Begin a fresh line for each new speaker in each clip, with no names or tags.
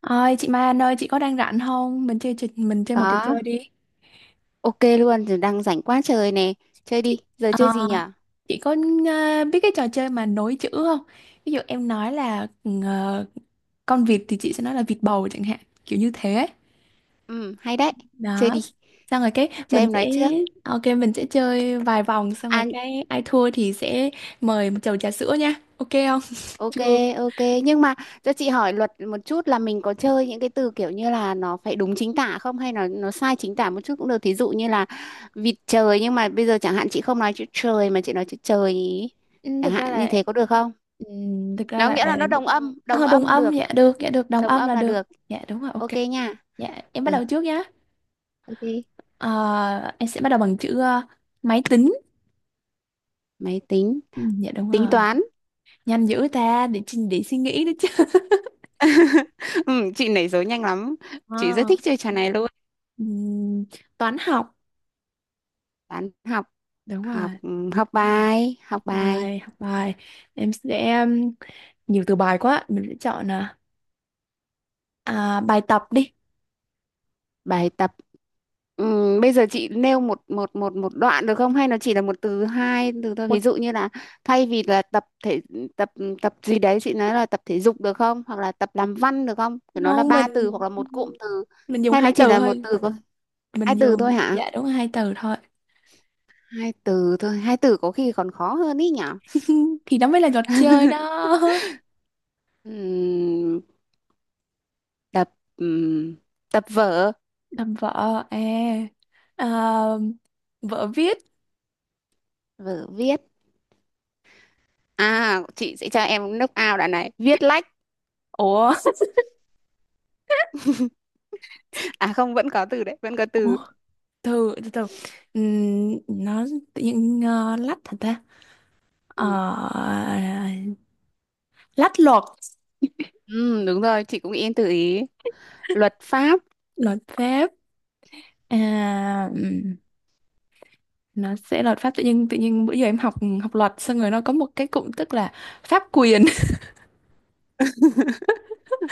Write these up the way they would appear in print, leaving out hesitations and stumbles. Ơi chị Mai Anh ơi, chị có đang rảnh không? Mình chơi mình chơi một trò
Đó,
chơi đi.
ok luôn, giờ đang rảnh quá trời nè. Chơi
Chị
đi, giờ chơi gì
ờ,
nhở?
chị có, biết cái trò chơi mà nối chữ không? Ví dụ em nói là ờ, con vịt thì chị sẽ nói là vịt bầu chẳng hạn, kiểu như thế ấy.
Ừ, hay đấy. Chơi
Đó.
đi,
Xong rồi cái
cho
mình
em
sẽ
nói trước.
ok mình sẽ chơi vài vòng, xong rồi
À,
cái ai thua thì sẽ mời một chầu trà sữa nha. Ok không?
ok,
Chưa.
ok. Nhưng mà cho chị hỏi luật một chút là mình có chơi những cái từ kiểu như là nó phải đúng chính tả không hay là nó sai chính tả một chút cũng được. Thí dụ như là vịt trời nhưng mà bây giờ chẳng hạn chị không nói chữ trời mà chị nói chữ trời ý.
Ừ,
Chẳng
thực
hạn
ra
như
là,
thế có được không?
ừ, thực ra
Ừ,
là
nghĩa
ờ,
là nó đồng
đồng
âm
âm,
được,
dạ được, đồng
đồng
âm
âm
là
là
được.
được.
Dạ đúng rồi, ok.
Ok nha.
Dạ em bắt
Ừ,
đầu trước nhá.
ok.
Ờ, em sẽ bắt đầu bằng chữ, máy tính.
Máy tính,
Ừ, dạ đúng
tính
rồi.
toán.
Nhanh dữ ta, để trình để suy nghĩ đấy chứ.
Ừ, chị nảy số nhanh lắm, chị rất
Ờ,
thích chơi trò này luôn.
ừm, toán học.
Toán học.
Đúng
Học.
rồi.
Học bài. Học bài.
Bài học, bài. Em sẽ, nhiều từ bài quá. Mình sẽ chọn, bài tập đi.
Bài tập. Ừ, bây giờ chị nêu một một một một đoạn được không, hay nó chỉ là một từ, hai từ thôi,
Một
ví dụ như là thay vì là tập thể, tập tập gì đấy chị nói là tập thể dục được không, hoặc là tập làm văn được không, thì nó là
không.
ba từ hoặc là một cụm từ,
Mình dùng
hay nó
hai
chỉ
từ
là một
thôi.
từ có hai
Mình
từ thôi
dùng,
hả?
dạ đúng là hai từ thôi.
Hai từ thôi. Hai từ có khi còn khó hơn ý nhở.
Thì đó mới là trò chơi đó.
Ừm, tập ừm, tập vở.
Làm vợ à, à vợ viết.
Vở viết à? Chị sẽ cho em knock out đoạn này. Viết lách.
Ủa?
À không, vẫn có từ đấy, vẫn có từ.
Ủa? Từ từ từ nó tự nhiên, lách hả ta? Ờ,
Ừ.
lách luật
Ừ, đúng rồi, chị cũng yên tự ý. Luật pháp.
luật pháp. à, ừm, nó sẽ luật pháp, tự nhiên bữa giờ em học học luật xong rồi nó có một cái cụm tức là pháp quyền.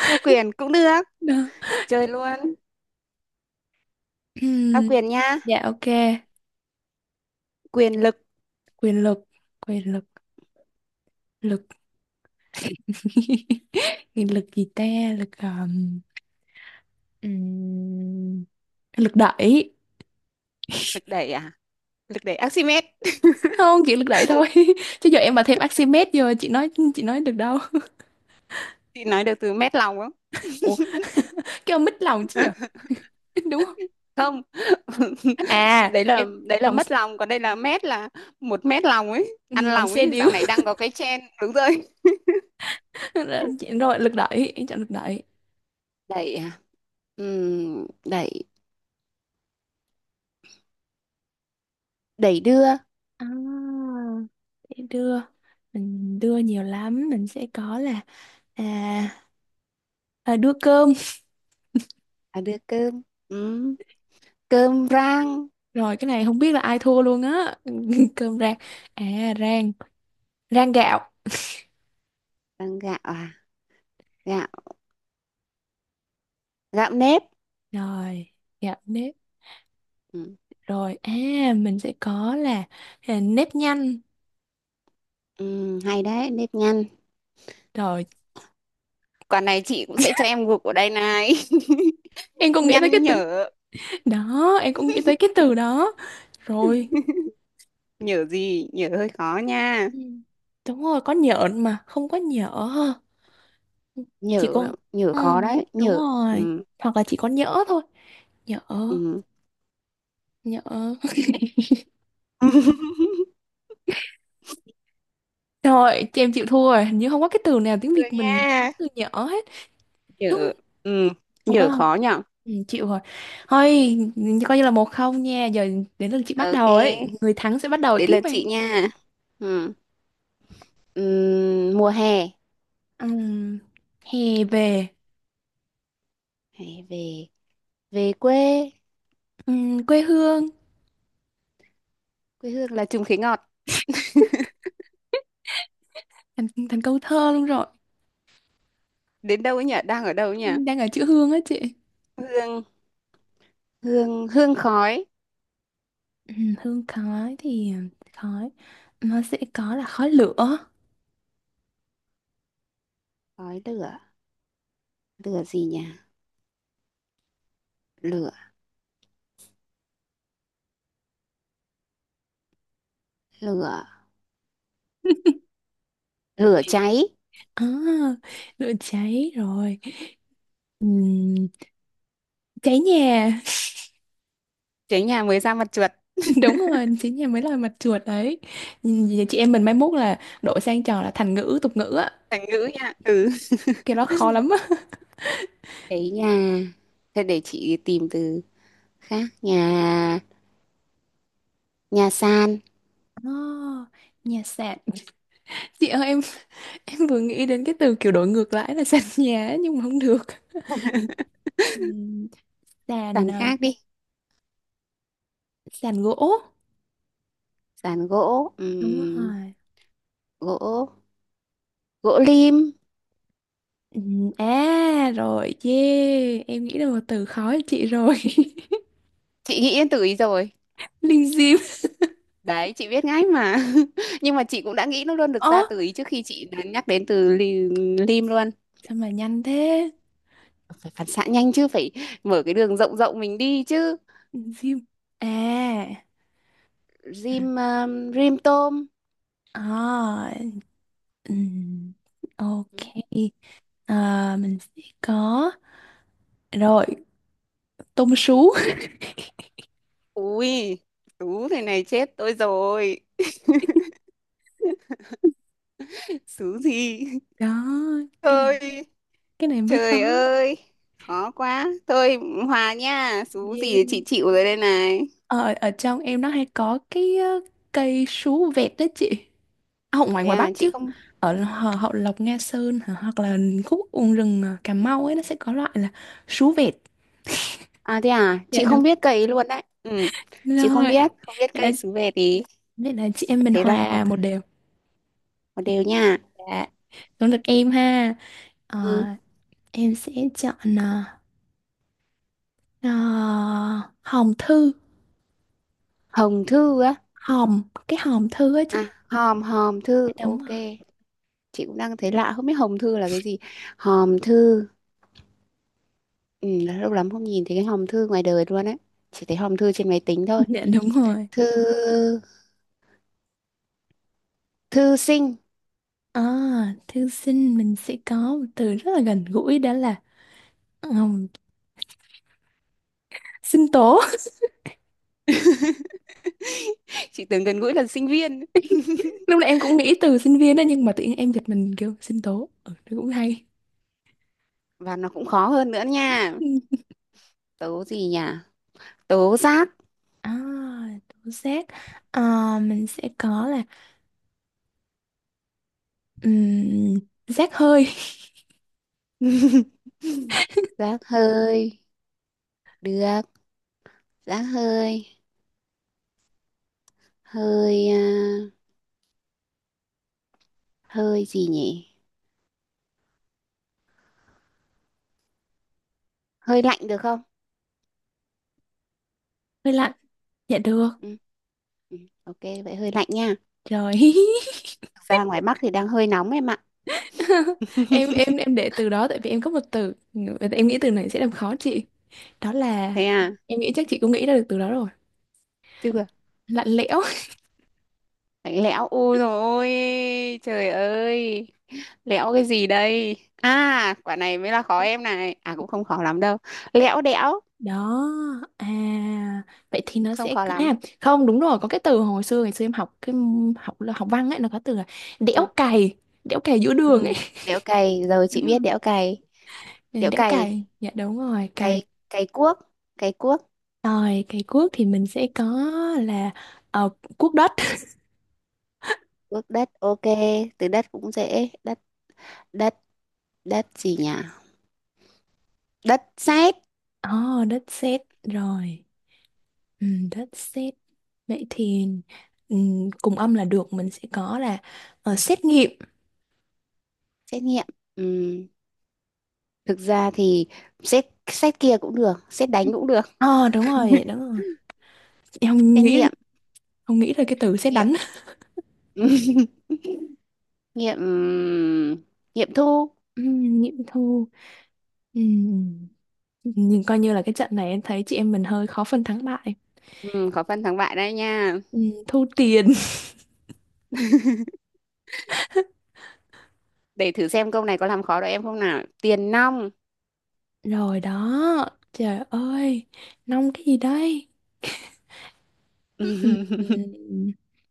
Pháp quyền cũng được,
Đó.
chơi luôn. Pháp
Ừm,
quyền nha.
dạ ok.
Quyền lực.
Quyền lực. quyền lực Lực. Cái lực gì ta? Lực, ừm, lực đẩy.
Lực đẩy à? Lực đẩy Archimedes.
Không chỉ lực đẩy thôi, chứ giờ em mà thêm Archimedes giờ chị nói được đâu.
Chị nói được từ mét lòng không?
Ủa, cái ông mít lòng chứ nhở? Đúng không?
Không.
À
Đấy là,
em,
đấy là
lòng
mất lòng, còn đây là mét, là một mét lòng ấy, ăn
lòng
lòng
xe
ấy,
điếu.
dạo này đang có cái trend, đúng rồi.
Rồi lực đẩy, em chọn lực đẩy.
Đẩy à? Đẩy đẩy đưa.
à, để đưa, mình đưa nhiều lắm, mình sẽ có là, à, đưa cơm.
À, đưa cơm. Ừ. Cơm rang
Rồi cái này không biết là ai thua luôn á. Cơm rang. À rang rang gạo.
bằng gạo à? Gạo gạo nếp.
Rồi gạo nếp.
Ừ.
Rồi, à mình sẽ có là, nếp nhanh.
Ừ, hay đấy. Nếp nhăn.
Rồi
Quả này chị cũng sẽ cho em gục ở đây này.
em còn nghĩ tới cái
Nhăn
từ,
nhở.
đó, em cũng nghĩ tới cái từ đó. Rồi.
Nhở gì nhở, hơi khó nha.
Ừ, đúng rồi, có nhện mà, không có nhỡ ha. Chỉ
Nhở.
có,
Nhở
ừ,
khó đấy
đúng
nhở.
rồi.
Ừ.
Hoặc là chỉ có nhỡ thôi. Nhỡ,
Ừ.
nhỡ. Rồi, chị em chịu thua rồi, hình như không có cái từ nào tiếng
Được
Việt mình có
nha.
từ nhỡ hết. Đúng,
Nhở.
không.
Ừ.
Không có
Nhở
không?
khó nhở.
Ừ, chịu rồi. Thôi, coi như là một không nha. Giờ đến lượt chị bắt
Ok,
đầu ấy. Người thắng sẽ bắt đầu
đến
tiếp
lượt chị
em.
nha. Ừ. Ừ. Mùa hè.
Ừm, Hè về.
Hãy về. Về quê.
Quê hương,
Quê hương là Trùng Khế Ngọt.
thành, thành câu thơ luôn rồi.
Đến đâu ấy nhỉ, đang ở đâu ấy nhỉ?
Đang ở chữ hương á chị.
Hương. Hương khói.
Ừ, hương khói thì, khói nó sẽ có là khói lửa.
Khói lửa. Lửa gì nhỉ? Lửa. Lửa lửa cháy.
À, lửa cháy rồi. Ừm, Cháy nhà.
Cháy nhà mới ra mặt chuột.
Đúng rồi, cháy nhà mới là mặt chuột đấy. Vậy chị em mình mai mốt là đổi sang trò là thành ngữ tục ngữ á,
Thành ngữ nha. Ừ.
cái đó khó lắm á.
Cháy nhà, thế để chị tìm từ khác. Nhà. Nhà sàn.
À, nhà sàn. Chị ơi em vừa nghĩ đến cái từ kiểu đổi ngược lại là sàn nhà ấy, nhưng mà không được. Ừm, Sàn,
Sàn khác đi.
sàn gỗ.
Sàn gỗ.
Đúng
ừm,
rồi.
gỗ gỗ lim.
Ừ, à rồi, yeah. Em nghĩ là một từ khó cho chị rồi.
Chị nghĩ đến từ ý rồi.
Linh Diêm.
Đấy, chị biết ngay mà. Nhưng mà chị cũng đã nghĩ nó luôn, được
Ơ,
ra từ ý trước khi chị đã nhắc đến từ lim luôn.
sao mà nhanh thế?
Phải phản xạ nhanh chứ, phải mở cái đường rộng rộng mình đi chứ.
Linh Diêm. À.
Rim rim tôm.
À, ừm, ok. À, mình sẽ có, rồi tôm sú.
Ui, tú thế này chết tôi rồi. Xứ gì?
Đó, cái
Thôi,
cái này mới khó.
trời ơi. Khó quá. Thôi hòa nha, xứ
Yeah.
gì chị chịu rồi đây này.
Ở ở trong em nó hay có cái, cây sú vẹt đó chị. À, hậu ngoài,
Thế
ngoài
à,
Bắc
chị
chứ.
không
Ở Hậu, Hậu Lộc Nga Sơn hả? Hoặc là khúc Uông Rừng à, Cà Mau ấy, nó sẽ có loại là sú vẹt.
À, thế à,
Dạ
chị không
đúng
biết cây luôn đấy. Ừ. Chị không
rồi.
biết, không biết
Vậy là,
cây xứ về thì
vậy là chị em mình
thế là
hòa một đều.
một đều nha.
Dạ đúng, được em ha. Ờ,
Ừ.
em sẽ chọn, à, hòm thư.
Hồng thư á?
Hòm, cái hòm thư á chị.
À, hòm hòm thư.
Dạ, đúng
Ok.
rồi.
Chị cũng đang thấy lạ, không biết hòm thư là cái gì. Hòm thư. Ừ, lâu lắm không nhìn thấy cái hòm thư ngoài đời luôn ấy, chỉ thấy hòm thư trên máy tính thôi.
Dạ đúng rồi.
Thư. Thư sinh.
À, thư sinh, mình sẽ có một từ rất là gần gũi đó là, ừm, sinh tố.
Chị tưởng gần gũi là sinh viên.
Lúc nãy em cũng nghĩ từ sinh viên đó, nhưng mà tự nhiên em giật mình kêu sinh tố, ừ, nó cũng hay.
Và nó cũng khó hơn nữa nha.
Ừ.
Tố gì nhỉ? Tố giác.
À, tố giác. À, mình sẽ có là, um, giác hơi.
Giác hơi được. Giác hơi. Hơi à? Hơi gì nhỉ? Hơi lạnh được không?
Hơi lạnh. Dạ được.
Ừ. Ừ, ok vậy hơi lạnh nha.
Rồi.
Thực ra ngoài Bắc thì đang hơi nóng em ạ.
Em để từ đó, tại vì em có một từ, em nghĩ từ này sẽ làm khó chị, đó là,
Thế à.
em nghĩ chắc chị cũng nghĩ ra được từ đó rồi,
Tức là
lạnh lẽo.
bánh lẽo, ôi rồi, ôi trời ơi, lẽo cái gì đây, à quả này mới là khó em này, à cũng không khó lắm đâu. Lẽo đẽo.
Đó, à, vậy thì nó
Không
sẽ,
khó lắm.
à không, đúng rồi, có cái từ hồi xưa ngày xưa em học cái học là học văn ấy, nó có từ là đẽo
Ừ.
cày, đẽo cày giữa đường ấy.
Ừ. Đẽo cày rồi,
Đúng
chị biết
rồi.
đẽo cày.
Ừ,
Đẽo
đẽo cày,
cày.
dạ đúng rồi, cày.
Cày. Cày cuốc. Cày cuốc.
Rồi cày cuốc thì mình sẽ có là, cuốc đất.
Cuốc đất. Ok, từ đất cũng dễ. Đất. Đất. Đất gì nhỉ? Đất sét.
Oh, đất sét rồi. Ừ, đất sét. Vậy thì, ừ, cùng âm là được, mình sẽ có là, xét nghiệm.
Xét nghiệm. Ừ. Thực ra thì xét, xét kia cũng được, xét đánh cũng được.
Ờ đúng rồi, đúng rồi, em không
Xét
nghĩ,
nghiệm.
không nghĩ ra cái từ xét
Nghiệm.
đánh.
Nghiệm. Nghiệm thu.
Nghiệm thu. Ừm, Nhưng coi như là cái trận này em thấy chị em mình hơi khó phân thắng bại.
Ừ, khó phân thắng bại đây nha.
Thu tiền.
Để thử xem câu này có làm khó được em không nào. Tiền nong.
Rồi đó. Trời ơi, nong cái gì đây? Ừm,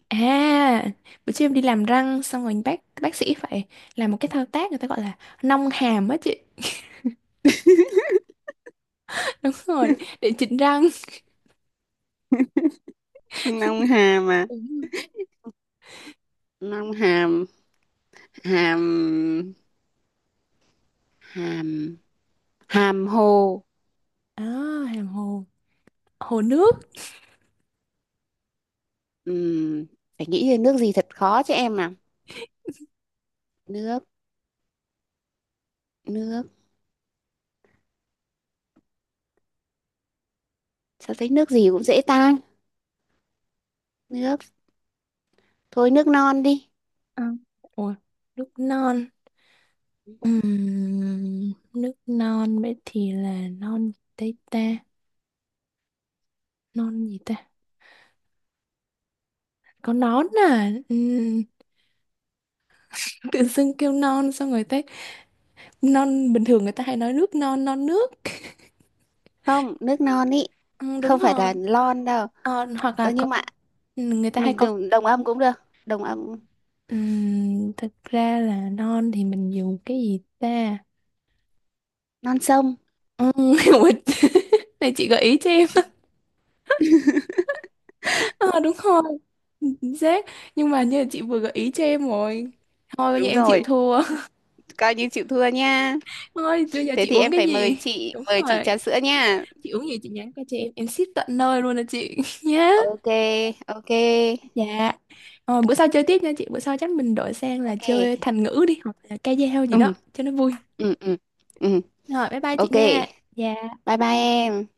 À, bữa trước em đi làm răng, xong rồi bác sĩ phải làm một cái thao tác, người ta gọi là nong hàm á chị. Đúng rồi, để chỉnh răng.
Nong hàm à?
Đúng.
Nong hàm. Hàm. Hàm. Hàm hồ.
À, hàm hồ. Hồ nước.
Ừm, phải nghĩ về nước gì thật khó cho em à. Nước. Nước. Sao thấy nước gì cũng dễ tan. Nước. Thôi nước non đi.
À, ủa, nước non. Nước non vậy thì là non tây ta, non gì ta, có nón à? Tự dưng kêu non, xong người ta non, bình thường người ta hay nói nước non, non nước.
Không, nước non ý.
Ừ, đúng
Không phải là
rồi.
lon đâu.
Ờ, hoặc là
Ơ
có,
nhưng mà
người ta hay
mình
có.
đồng, đồng âm cũng được. Đồng âm.
Thực ra là non thì mình dùng cái gì ta?
Non sông.
Ừm, Này chị gợi ý cho em. Ờ, đúng rồi, chính xác, nhưng mà như là chị vừa gợi ý cho em rồi, thôi bây giờ
Đúng
em chịu
rồi,
thua.
coi như chịu thua nha.
Ơi bây giờ
Thế
chị
thì
uống
em
cái
phải mời
gì?
chị,
Đúng
mời chị
rồi,
trà sữa nha.
chị uống gì chị nhắn qua cho em ship tận nơi luôn nè chị, nhá.
Ok, ok,
Dạ, bữa sau chơi tiếp nha chị, bữa sau chắc mình đổi sang là
ok.
chơi thành ngữ đi, hoặc là ca dao gì đó
Ừ,
cho nó vui.
ừ, ừ, ừ,
Rồi bye bye chị
ok.
nha. Dạ.
Bye bye em.